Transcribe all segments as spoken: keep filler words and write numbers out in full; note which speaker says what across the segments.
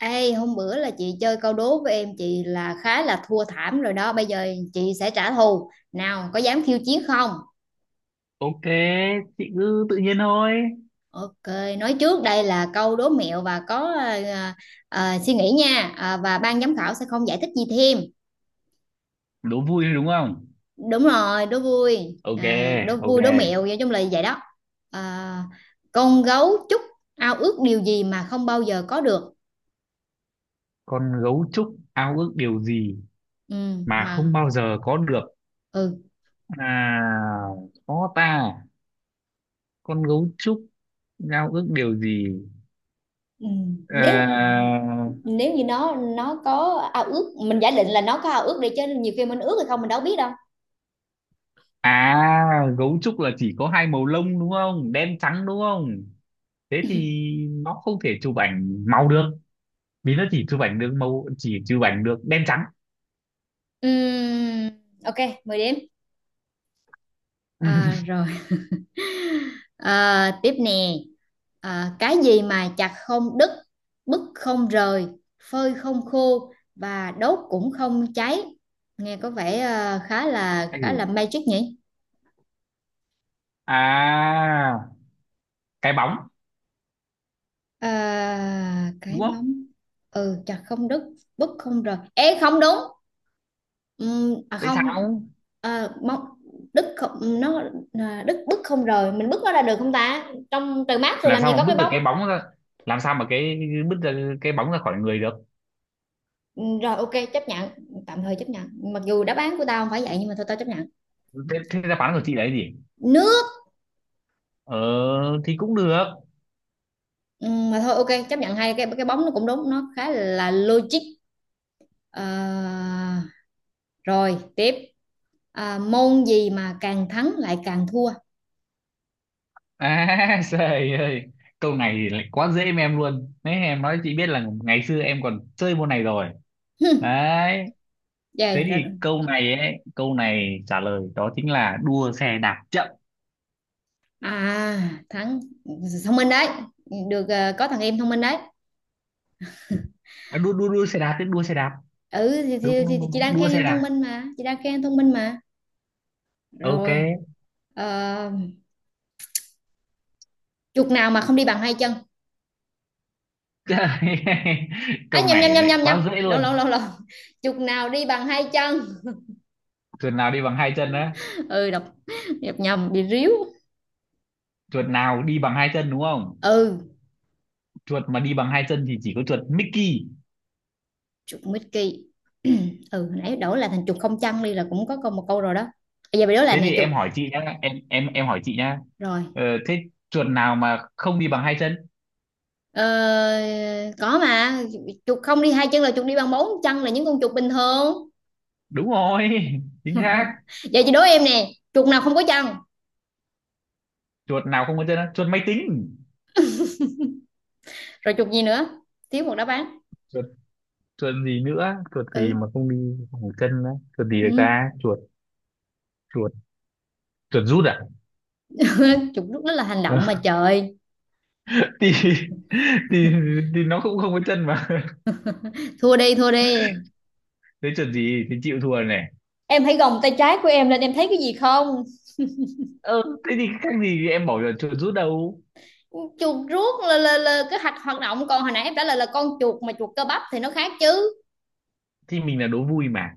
Speaker 1: Ê, hôm bữa là chị chơi câu đố với em chị là khá là thua thảm rồi đó. Bây giờ chị sẽ trả thù. Nào, có dám khiêu chiến không?
Speaker 2: Ok, chị cứ tự nhiên thôi.
Speaker 1: Ok, nói trước đây là câu đố mẹo và có à, à, suy nghĩ nha. À, và ban giám khảo sẽ không giải thích gì thêm.
Speaker 2: Đố vui thôi đúng không?
Speaker 1: Đúng rồi, đố vui.
Speaker 2: Ok,
Speaker 1: À, đố
Speaker 2: ok.
Speaker 1: vui, đố mẹo, nói chung là vậy đó. À, con gấu trúc ao ước điều gì mà không bao giờ có được.
Speaker 2: Con gấu trúc ao ước điều gì
Speaker 1: Ừ,
Speaker 2: mà không
Speaker 1: mà
Speaker 2: bao giờ có được?
Speaker 1: ừ.
Speaker 2: À, khó ta. Con gấu trúc ao ước điều gì?
Speaker 1: Ừ. Nếu
Speaker 2: À,
Speaker 1: nếu như nó nó có ao ước, mình giả định là nó có ao ước đi, chứ nhiều khi mình ước hay không mình đâu biết đâu.
Speaker 2: à, gấu trúc là chỉ có hai màu lông đúng không? Đen trắng đúng không? Thế thì nó không thể chụp ảnh màu được. Vì nó chỉ chụp ảnh được màu, chỉ chụp ảnh được đen trắng.
Speaker 1: Ừm, ok, mười điểm. À, rồi. À, tiếp nè. À, cái gì mà chặt không đứt, bứt không rời, phơi không khô và đốt cũng không cháy? Nghe có vẻ à, khá là
Speaker 2: Anh
Speaker 1: khá là magic nhỉ.
Speaker 2: à, cái bóng
Speaker 1: À, cái
Speaker 2: đúng không?
Speaker 1: bóng? Ừ, chặt không đứt, bứt không rời, ê không đúng. Ừm, à
Speaker 2: Tại
Speaker 1: không.
Speaker 2: sao
Speaker 1: À, mong Đức không, nó à, Đức, bứt không rời, mình bứt nó ra được không ta, trong trời mát thì
Speaker 2: làm
Speaker 1: làm
Speaker 2: sao
Speaker 1: gì có
Speaker 2: mà
Speaker 1: cái
Speaker 2: bứt được
Speaker 1: bóng.
Speaker 2: cái bóng ra, làm sao mà cái bứt ra cái bóng ra khỏi người được?
Speaker 1: Ừm, rồi, ok, chấp nhận. Tạm thời chấp nhận mặc dù đáp án của tao không phải vậy nhưng mà thôi tao chấp nhận.
Speaker 2: Thế, thế đáp án của chị là cái gì?
Speaker 1: Nước.
Speaker 2: Ờ thì cũng được.
Speaker 1: Ừm, mà thôi ok chấp nhận, hai cái cái bóng nó cũng đúng, nó khá là logic. à, Rồi tiếp. À, môn gì mà càng thắng lại càng thua?
Speaker 2: À trời ơi, câu này thì lại quá dễ với em luôn đấy, em nói chị biết là ngày xưa em còn chơi môn này rồi
Speaker 1: Hừm,
Speaker 2: đấy.
Speaker 1: vậy
Speaker 2: Thế
Speaker 1: rồi.
Speaker 2: thì câu này ấy, câu này trả lời đó chính là đua xe đạp chậm.
Speaker 1: À thắng, thông minh đấy. Được, ờ, có thằng em thông minh đấy.
Speaker 2: À, đua đua đua xe đạp, tức đua xe đạp.
Speaker 1: Ừ thì,
Speaker 2: đúng
Speaker 1: thì, thì,
Speaker 2: đúng
Speaker 1: thì
Speaker 2: đúng,
Speaker 1: chị
Speaker 2: đúng.
Speaker 1: đang
Speaker 2: Đua
Speaker 1: khen
Speaker 2: xe
Speaker 1: em
Speaker 2: đạp,
Speaker 1: thông minh mà, chị đang khen em thông minh mà.
Speaker 2: ok.
Speaker 1: Rồi. ờ, Chuột nào mà không đi bằng hai chân? à,
Speaker 2: Câu
Speaker 1: nhầm
Speaker 2: này
Speaker 1: nhầm nhầm
Speaker 2: lại
Speaker 1: nhầm nhầm
Speaker 2: quá dễ
Speaker 1: lộn
Speaker 2: luôn.
Speaker 1: lộn lộn lộn Chuột nào đi bằng hai chân?
Speaker 2: Tuần nào đi bằng hai chân đó?
Speaker 1: Ừ, đọc nhập nhầm bị ríu.
Speaker 2: Chuột nào đi bằng hai chân đúng không?
Speaker 1: Ừ.
Speaker 2: Chuột mà đi bằng hai chân thì chỉ có chuột Mickey.
Speaker 1: Chuột Mickey. Ừ, nãy đổi là thành chuột không chân đi là cũng có câu một câu rồi đó, bây giờ bị đổi lại
Speaker 2: Thế
Speaker 1: nè,
Speaker 2: thì
Speaker 1: chuột.
Speaker 2: em hỏi chị nhá, em em em hỏi chị nhá.
Speaker 1: Rồi.
Speaker 2: Ờ, thế chuột nào mà không đi bằng hai chân?
Speaker 1: ờ, có mà, chuột không đi hai chân là chuột đi bằng bốn chân, là những con chuột bình thường.
Speaker 2: Đúng rồi. Chính xác.
Speaker 1: Giờ chị đố em nè, chuột nào không có chân?
Speaker 2: Chuột nào không có chân á? Chuột máy tính.
Speaker 1: Rồi chuột gì nữa? Thiếu một đáp án.
Speaker 2: Chuột, chuột gì nữa, chuột gì
Speaker 1: Ừ.
Speaker 2: mà không đi bằng chân á? Chuột gì được
Speaker 1: Ừ.
Speaker 2: ta? Chuột chuột chuột rút à?
Speaker 1: Chụp lúc đó là hành động, mà trời.
Speaker 2: thì, thì thì nó cũng không có chân mà.
Speaker 1: Thua đi, thua đi.
Speaker 2: Thế chuột gì thì chịu thua này.
Speaker 1: Em hãy gồng tay trái của em lên, em thấy cái gì không?
Speaker 2: Ờ thế thì khác gì em bảo là chuột rút đâu.
Speaker 1: Chuột rút là là, là cái hạch hoạt động, còn hồi nãy em trả lời là con chuột, mà chuột cơ bắp thì nó khác chứ.
Speaker 2: Thì mình là đố vui mà.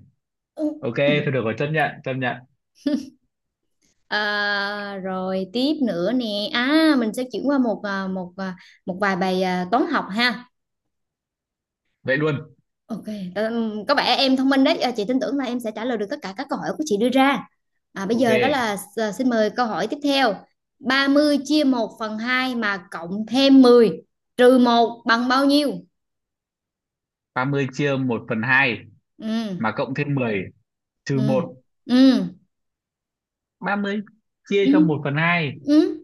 Speaker 1: Ừ.
Speaker 2: Ok, thôi được rồi, chấp nhận, chấp nhận.
Speaker 1: À, rồi tiếp nữa nè, à mình sẽ chuyển qua một à, một à, một vài bài à, toán học ha.
Speaker 2: Vậy luôn.
Speaker 1: Ok. Ừm, có vẻ em thông minh đấy. À, Chị tin tưởng là em sẽ trả lời được tất cả các câu hỏi của chị đưa ra. À, bây
Speaker 2: Ok,
Speaker 1: giờ đó là s- xin mời câu hỏi tiếp theo. Ba mươi chia một phần hai mà cộng thêm mười trừ một bằng bao nhiêu?
Speaker 2: ba mươi chia một phần hai,
Speaker 1: Ừ,
Speaker 2: mà cộng thêm mười trừ
Speaker 1: ừ,
Speaker 2: một,
Speaker 1: ừ,
Speaker 2: ba mươi chia
Speaker 1: ừ,
Speaker 2: cho một phần hai,
Speaker 1: ừ,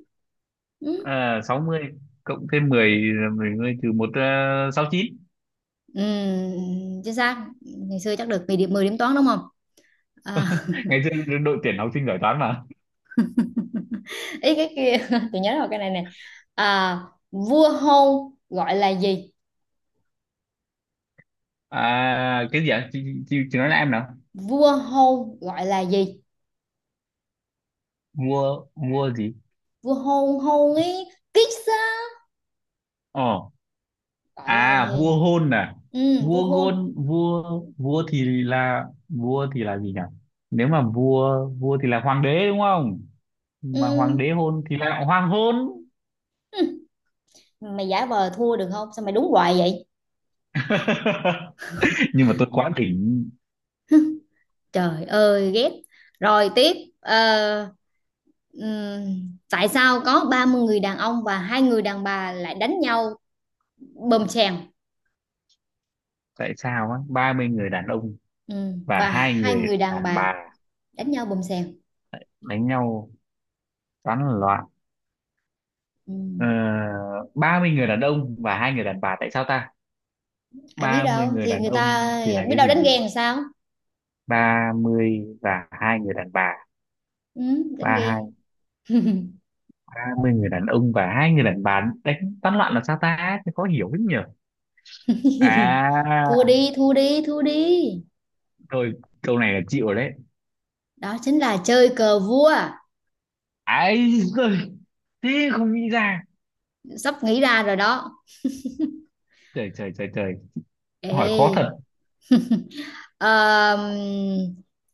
Speaker 1: ừ.
Speaker 2: sáu mươi cộng thêm mười, mười mươi trừ một, uh, sáu mươi chín.
Speaker 1: Ừ, chính xác. Ngày xưa chắc được mười điểm, mười điểm toán đúng không? À,
Speaker 2: Ngày xưa đội tuyển học sinh giỏi toán mà.
Speaker 1: Ý cái kia, tôi nhớ rồi cái này nè. À, Vua hôn gọi là gì?
Speaker 2: À, cái gì ạ? Chị, chị, chị nói lại em nào.
Speaker 1: Vua hôn gọi là gì?
Speaker 2: Vua, vua gì?
Speaker 1: Vua hôn, hôn ấy, kiss á,
Speaker 2: Ờ,
Speaker 1: gọi là
Speaker 2: à, vua
Speaker 1: gì.
Speaker 2: hôn à?
Speaker 1: Ừ, vua
Speaker 2: Vua
Speaker 1: hôn.
Speaker 2: gôn, vua, vua thì là, vua thì là gì nhỉ? Nếu mà vua, vua thì là hoàng đế đúng không? Mà hoàng
Speaker 1: Ừ.
Speaker 2: đế hôn thì lại hoàng hôn.
Speaker 1: Hừ, mày giả vờ thua được không, sao mày đúng hoài vậy.
Speaker 2: Nhưng mà tôi quá đỉnh.
Speaker 1: Trời ơi ghét. Rồi tiếp. Ờ, ừm, Tại sao có ba mươi người đàn ông và hai người đàn bà lại đánh nhau bầm sèn?
Speaker 2: Tại sao á, ba mươi người đàn ông
Speaker 1: Ừm,
Speaker 2: và
Speaker 1: và
Speaker 2: hai
Speaker 1: hai
Speaker 2: người
Speaker 1: người đàn
Speaker 2: đàn
Speaker 1: bà
Speaker 2: bà
Speaker 1: đánh nhau bầm sèn.
Speaker 2: đánh nhau tán loạn?
Speaker 1: Ừm,
Speaker 2: Ờ, ba mươi người đàn ông và hai người đàn bà, tại sao ta?
Speaker 1: Ai biết
Speaker 2: Ba mươi
Speaker 1: đâu
Speaker 2: người
Speaker 1: thì
Speaker 2: đàn
Speaker 1: người
Speaker 2: ông
Speaker 1: ta,
Speaker 2: thì là
Speaker 1: biết
Speaker 2: cái
Speaker 1: đâu
Speaker 2: gì
Speaker 1: đánh
Speaker 2: nhỉ?
Speaker 1: ghen làm sao.
Speaker 2: Ba mươi và hai người đàn bà,
Speaker 1: Ừm,
Speaker 2: ba
Speaker 1: đánh ghen.
Speaker 2: hai. Ba mươi người đàn ông và hai người đàn bà đánh tán loạn là sao ta? Thế khó hiểu lắm nhỉ.
Speaker 1: Thua
Speaker 2: À
Speaker 1: đi, thua đi, thua đi.
Speaker 2: thôi, câu này là chịu rồi đấy.
Speaker 1: Đó chính là chơi cờ vua.
Speaker 2: Ấy giời, thế không nghĩ ra.
Speaker 1: Sắp nghĩ ra rồi đó.
Speaker 2: Trời trời trời trời, hỏi khó thật.
Speaker 1: Ê. ờm,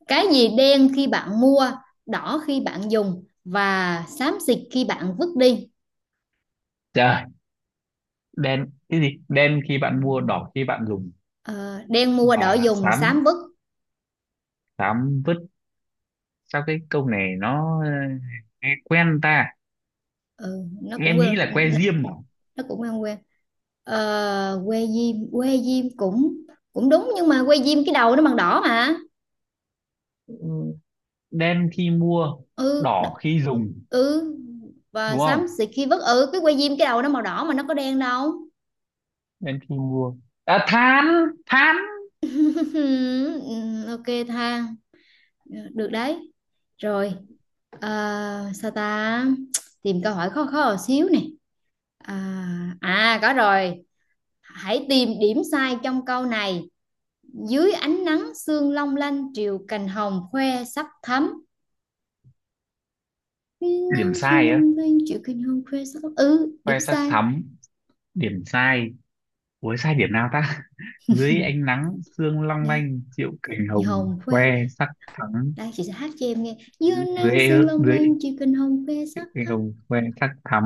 Speaker 1: cái gì đen khi bạn mua, đỏ khi bạn dùng và xám xịt khi bạn vứt đi?
Speaker 2: Trời, đen, cái gì đen khi bạn mua, đỏ khi bạn dùng,
Speaker 1: Ờ, Đen mua, đỏ
Speaker 2: và
Speaker 1: dùng,
Speaker 2: xám,
Speaker 1: xám vứt.
Speaker 2: xám vứt? Sao cái câu này nó ờ, nghe quen ta?
Speaker 1: Ừ, nó cũng
Speaker 2: Em nghĩ
Speaker 1: quên,
Speaker 2: là que diêm mà.
Speaker 1: nó cũng quen quen. Ờ, que diêm que diêm cũng cũng đúng, nhưng mà que diêm cái đầu nó bằng đỏ mà.
Speaker 2: Ừ, đen khi mua
Speaker 1: ừ đ-
Speaker 2: đỏ khi dùng
Speaker 1: ừ, và
Speaker 2: đúng
Speaker 1: xám
Speaker 2: không?
Speaker 1: xịt khi vứt, ừ, cái que diêm cái đầu nó màu đỏ mà, nó có đen đâu.
Speaker 2: Đen khi mua, à, than, than.
Speaker 1: Ok, tha, được đấy. Rồi. À, sao ta, tìm câu hỏi khó khó một xíu nè. À, à có rồi. Hãy tìm điểm sai trong câu này: dưới ánh nắng sương long lanh triều cành hồng khoe sắc thắm. Dưới
Speaker 2: Điểm
Speaker 1: nắng sương
Speaker 2: sai á?
Speaker 1: long lanh triều cành hồng khoe sắc thắm, ừ, điểm
Speaker 2: Que sắt
Speaker 1: sai.
Speaker 2: thắm. Điểm sai, ủa sai điểm nào ta? Dưới ánh nắng sương long
Speaker 1: Đây,
Speaker 2: lanh triệu cành hồng
Speaker 1: hồng khoe.
Speaker 2: que sắc thắm.
Speaker 1: Đây, chị sẽ hát cho em nghe: dưới nắng
Speaker 2: dưới
Speaker 1: sương long
Speaker 2: dưới
Speaker 1: lanh triều cành hồng khoe sắc
Speaker 2: cái
Speaker 1: thắm.
Speaker 2: ông quen sắc thắm.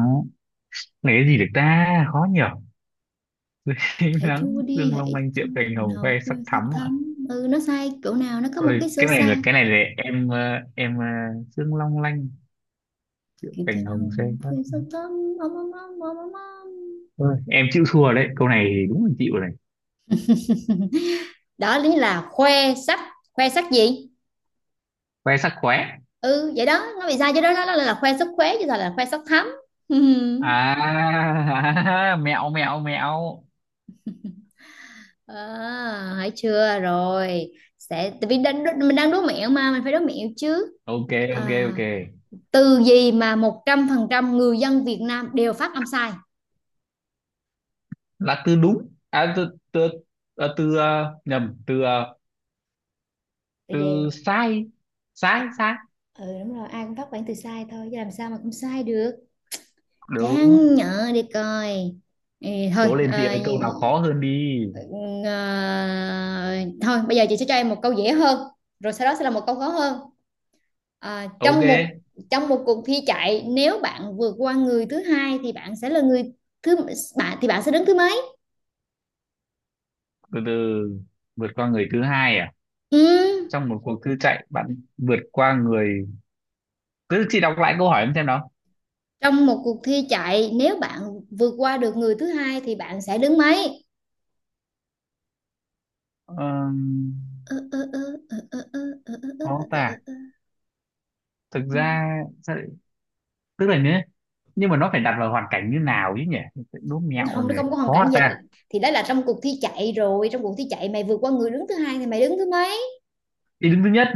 Speaker 2: Này cái gì được ta? Khó nhở. Thấy
Speaker 1: Hãy
Speaker 2: nắng
Speaker 1: thua đi,
Speaker 2: dương long
Speaker 1: hãy
Speaker 2: lanh
Speaker 1: thua.
Speaker 2: diệu cành hồng khoe
Speaker 1: Nào,
Speaker 2: sắc
Speaker 1: quên sắc
Speaker 2: thắm ạ.
Speaker 1: thắm, ừ nó sai chỗ nào, nó có một
Speaker 2: Ôi,
Speaker 1: cái số
Speaker 2: cái này là
Speaker 1: sai.
Speaker 2: cái này là em ờ, em ờ, dương long lanh diệu
Speaker 1: Kiểu cái
Speaker 2: cành hồng
Speaker 1: nào,
Speaker 2: khoe
Speaker 1: quên
Speaker 2: sắc.
Speaker 1: sắc thắm.
Speaker 2: Ôi, em chịu thua đấy, câu này thì đúng là chịu rồi này.
Speaker 1: Đó lý là khoe sắc, khoe sắc gì?
Speaker 2: Khoe sắc khóe.
Speaker 1: Ừ vậy đó, nó bị sai chứ đó, nó là, khoe sắc khuế chứ sao là khoe sắc thắm.
Speaker 2: À, mẹo mẹo mẹo.
Speaker 1: À, hãy chưa rồi. Sẽ tại vì đang, mình đang đố mẹo mà, mình phải đố mẹo chứ.
Speaker 2: ok ok
Speaker 1: à,
Speaker 2: ok
Speaker 1: Từ gì mà một trăm phần trăm người dân Việt Nam đều phát âm sai?
Speaker 2: Là từ đúng à, từ từ, à, từ, ờ, nhầm, từ, ờ,
Speaker 1: Từ
Speaker 2: từ
Speaker 1: gì?
Speaker 2: sai.
Speaker 1: Ờ,
Speaker 2: Sai sai.
Speaker 1: ừ đúng rồi, ai cũng phát bản từ sai thôi chứ làm sao mà không sai được.
Speaker 2: Đúng.
Speaker 1: Chán nhở đi coi. Ừ, thôi.
Speaker 2: Cố lên chị
Speaker 1: ờ,
Speaker 2: ơi, câu nào khó hơn đi.
Speaker 1: ờ, Thôi bây giờ chị sẽ cho em một câu dễ hơn, rồi sau đó sẽ là một câu khó hơn. Ờ,
Speaker 2: Ok,
Speaker 1: trong một Trong một cuộc thi chạy, nếu bạn vượt qua người thứ hai thì bạn sẽ là người thứ bạn thì bạn sẽ đứng thứ mấy?
Speaker 2: từ từ, vượt qua người thứ hai à?
Speaker 1: Ừ.
Speaker 2: Trong một cuộc thư chạy bạn vượt qua người, cứ chị đọc lại câu hỏi em xem nào.
Speaker 1: Trong một cuộc thi chạy nếu bạn vượt qua được người thứ hai thì bạn sẽ đứng mấy?
Speaker 2: Ờm,
Speaker 1: Ờ, ờ, ờ, ờ, ờ, ờ, ờ, ờ,
Speaker 2: khó
Speaker 1: ờ, ờ,
Speaker 2: ta,
Speaker 1: ờ.
Speaker 2: thực ra sao lại-, tức là nhé, nhưng mà nó phải đặt vào hoàn cảnh như nào chứ nhỉ? Đố mẹo
Speaker 1: Không, nó
Speaker 2: này
Speaker 1: không có hoàn
Speaker 2: khó hả
Speaker 1: cảnh dịch,
Speaker 2: ta?
Speaker 1: thì đó là trong cuộc thi chạy rồi, trong cuộc thi chạy mày vượt qua người đứng thứ hai thì mày đứng thứ mấy.
Speaker 2: Ý đứng thứ nhất.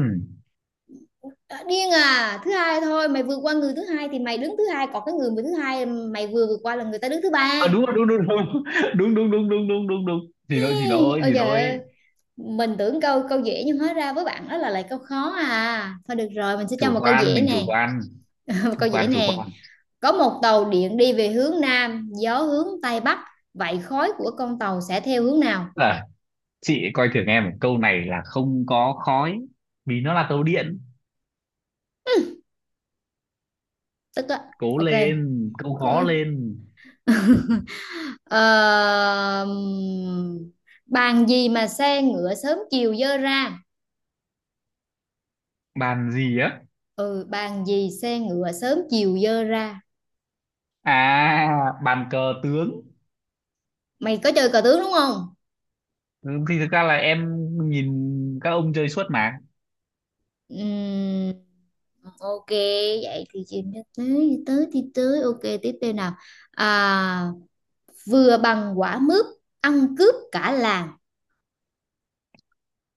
Speaker 1: Ờ, Điên à, thứ hai thôi, mày vượt qua người thứ hai thì mày đứng thứ hai, còn cái người mà thứ hai mày vừa vượt qua là người ta đứng thứ ba.
Speaker 2: À, đúng rồi, đúng đúng đúng. đúng đúng đúng đúng đúng đúng đúng, chị nói chị nói
Speaker 1: Ôi
Speaker 2: chị
Speaker 1: trời ơi,
Speaker 2: nói
Speaker 1: mình tưởng câu câu dễ nhưng hóa ra với bạn đó là lại câu khó, à thôi được rồi mình sẽ cho
Speaker 2: Chủ
Speaker 1: một câu
Speaker 2: quan,
Speaker 1: dễ
Speaker 2: mình chủ
Speaker 1: nè.
Speaker 2: quan
Speaker 1: Một
Speaker 2: chủ
Speaker 1: câu dễ
Speaker 2: quan chủ
Speaker 1: nè.
Speaker 2: quan
Speaker 1: Có một tàu điện đi về hướng nam, gió hướng tây bắc, vậy khói của con tàu sẽ theo hướng nào?
Speaker 2: À, chị ấy coi thường em, một câu này là không có khói vì nó là tàu điện.
Speaker 1: Tức á.
Speaker 2: Cố
Speaker 1: Ok.
Speaker 2: lên, câu khó lên.
Speaker 1: Ờ, Bàn gì mà xe ngựa sớm chiều dơ ra?
Speaker 2: Bàn gì á?
Speaker 1: Ừ, bàn gì xe ngựa sớm chiều dơ ra.
Speaker 2: À, bàn cờ tướng.
Speaker 1: Mày có chơi cờ tướng đúng không?
Speaker 2: Ừ, thì thực ra là em nhìn các ông chơi suốt mà.
Speaker 1: Ừm, ok, vậy thì chìm cho tới thì tới thì tới, ok tiếp theo nào. à, Vừa bằng quả mướp, ăn cướp cả làng,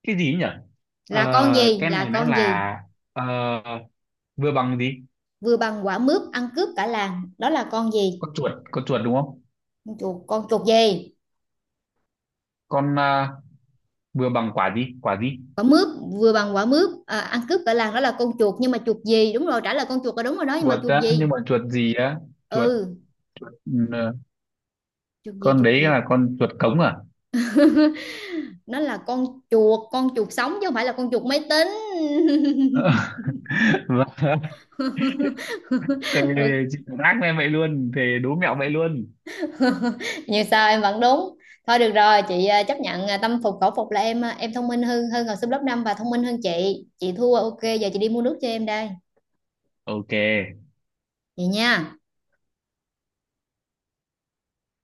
Speaker 2: Cái gì ấy nhỉ? ờ,
Speaker 1: là con gì,
Speaker 2: cái
Speaker 1: là
Speaker 2: này nó
Speaker 1: con gì?
Speaker 2: là, ờ, vừa bằng gì?
Speaker 1: Vừa bằng quả mướp ăn cướp cả làng, đó là con gì?
Speaker 2: Con chuột, con chuột đúng không?
Speaker 1: Con chuột, con chuột gì?
Speaker 2: Con, ờ, vừa bằng quả gì, quả gì?
Speaker 1: Quả mướp, vừa bằng quả mướp à, ăn cướp cả làng, đó là con chuột nhưng mà chuột gì, đúng rồi trả lời con chuột là đúng rồi đó, nhưng mà
Speaker 2: Chuột
Speaker 1: chuột
Speaker 2: á, nhưng
Speaker 1: gì?
Speaker 2: mà chuột gì á? chuột
Speaker 1: Ừ.
Speaker 2: chuột ừ,
Speaker 1: Chuột gì,
Speaker 2: con
Speaker 1: chuột
Speaker 2: đấy
Speaker 1: gì?
Speaker 2: là con chuột cống à?
Speaker 1: Nó là con chuột, con chuột sống chứ không phải là con chuột máy tính.
Speaker 2: Vâng. Thề, chị cũng ác lên vậy luôn, thề đố mẹo vậy luôn.
Speaker 1: như sao em vẫn đúng, thôi được rồi chị à, chấp nhận, à, tâm phục khẩu phục là em à, em thông minh hơn, hơn học sinh lớp năm và thông minh hơn chị chị thua. Ok giờ chị đi mua nước cho em đây,
Speaker 2: Ok.
Speaker 1: vậy nha.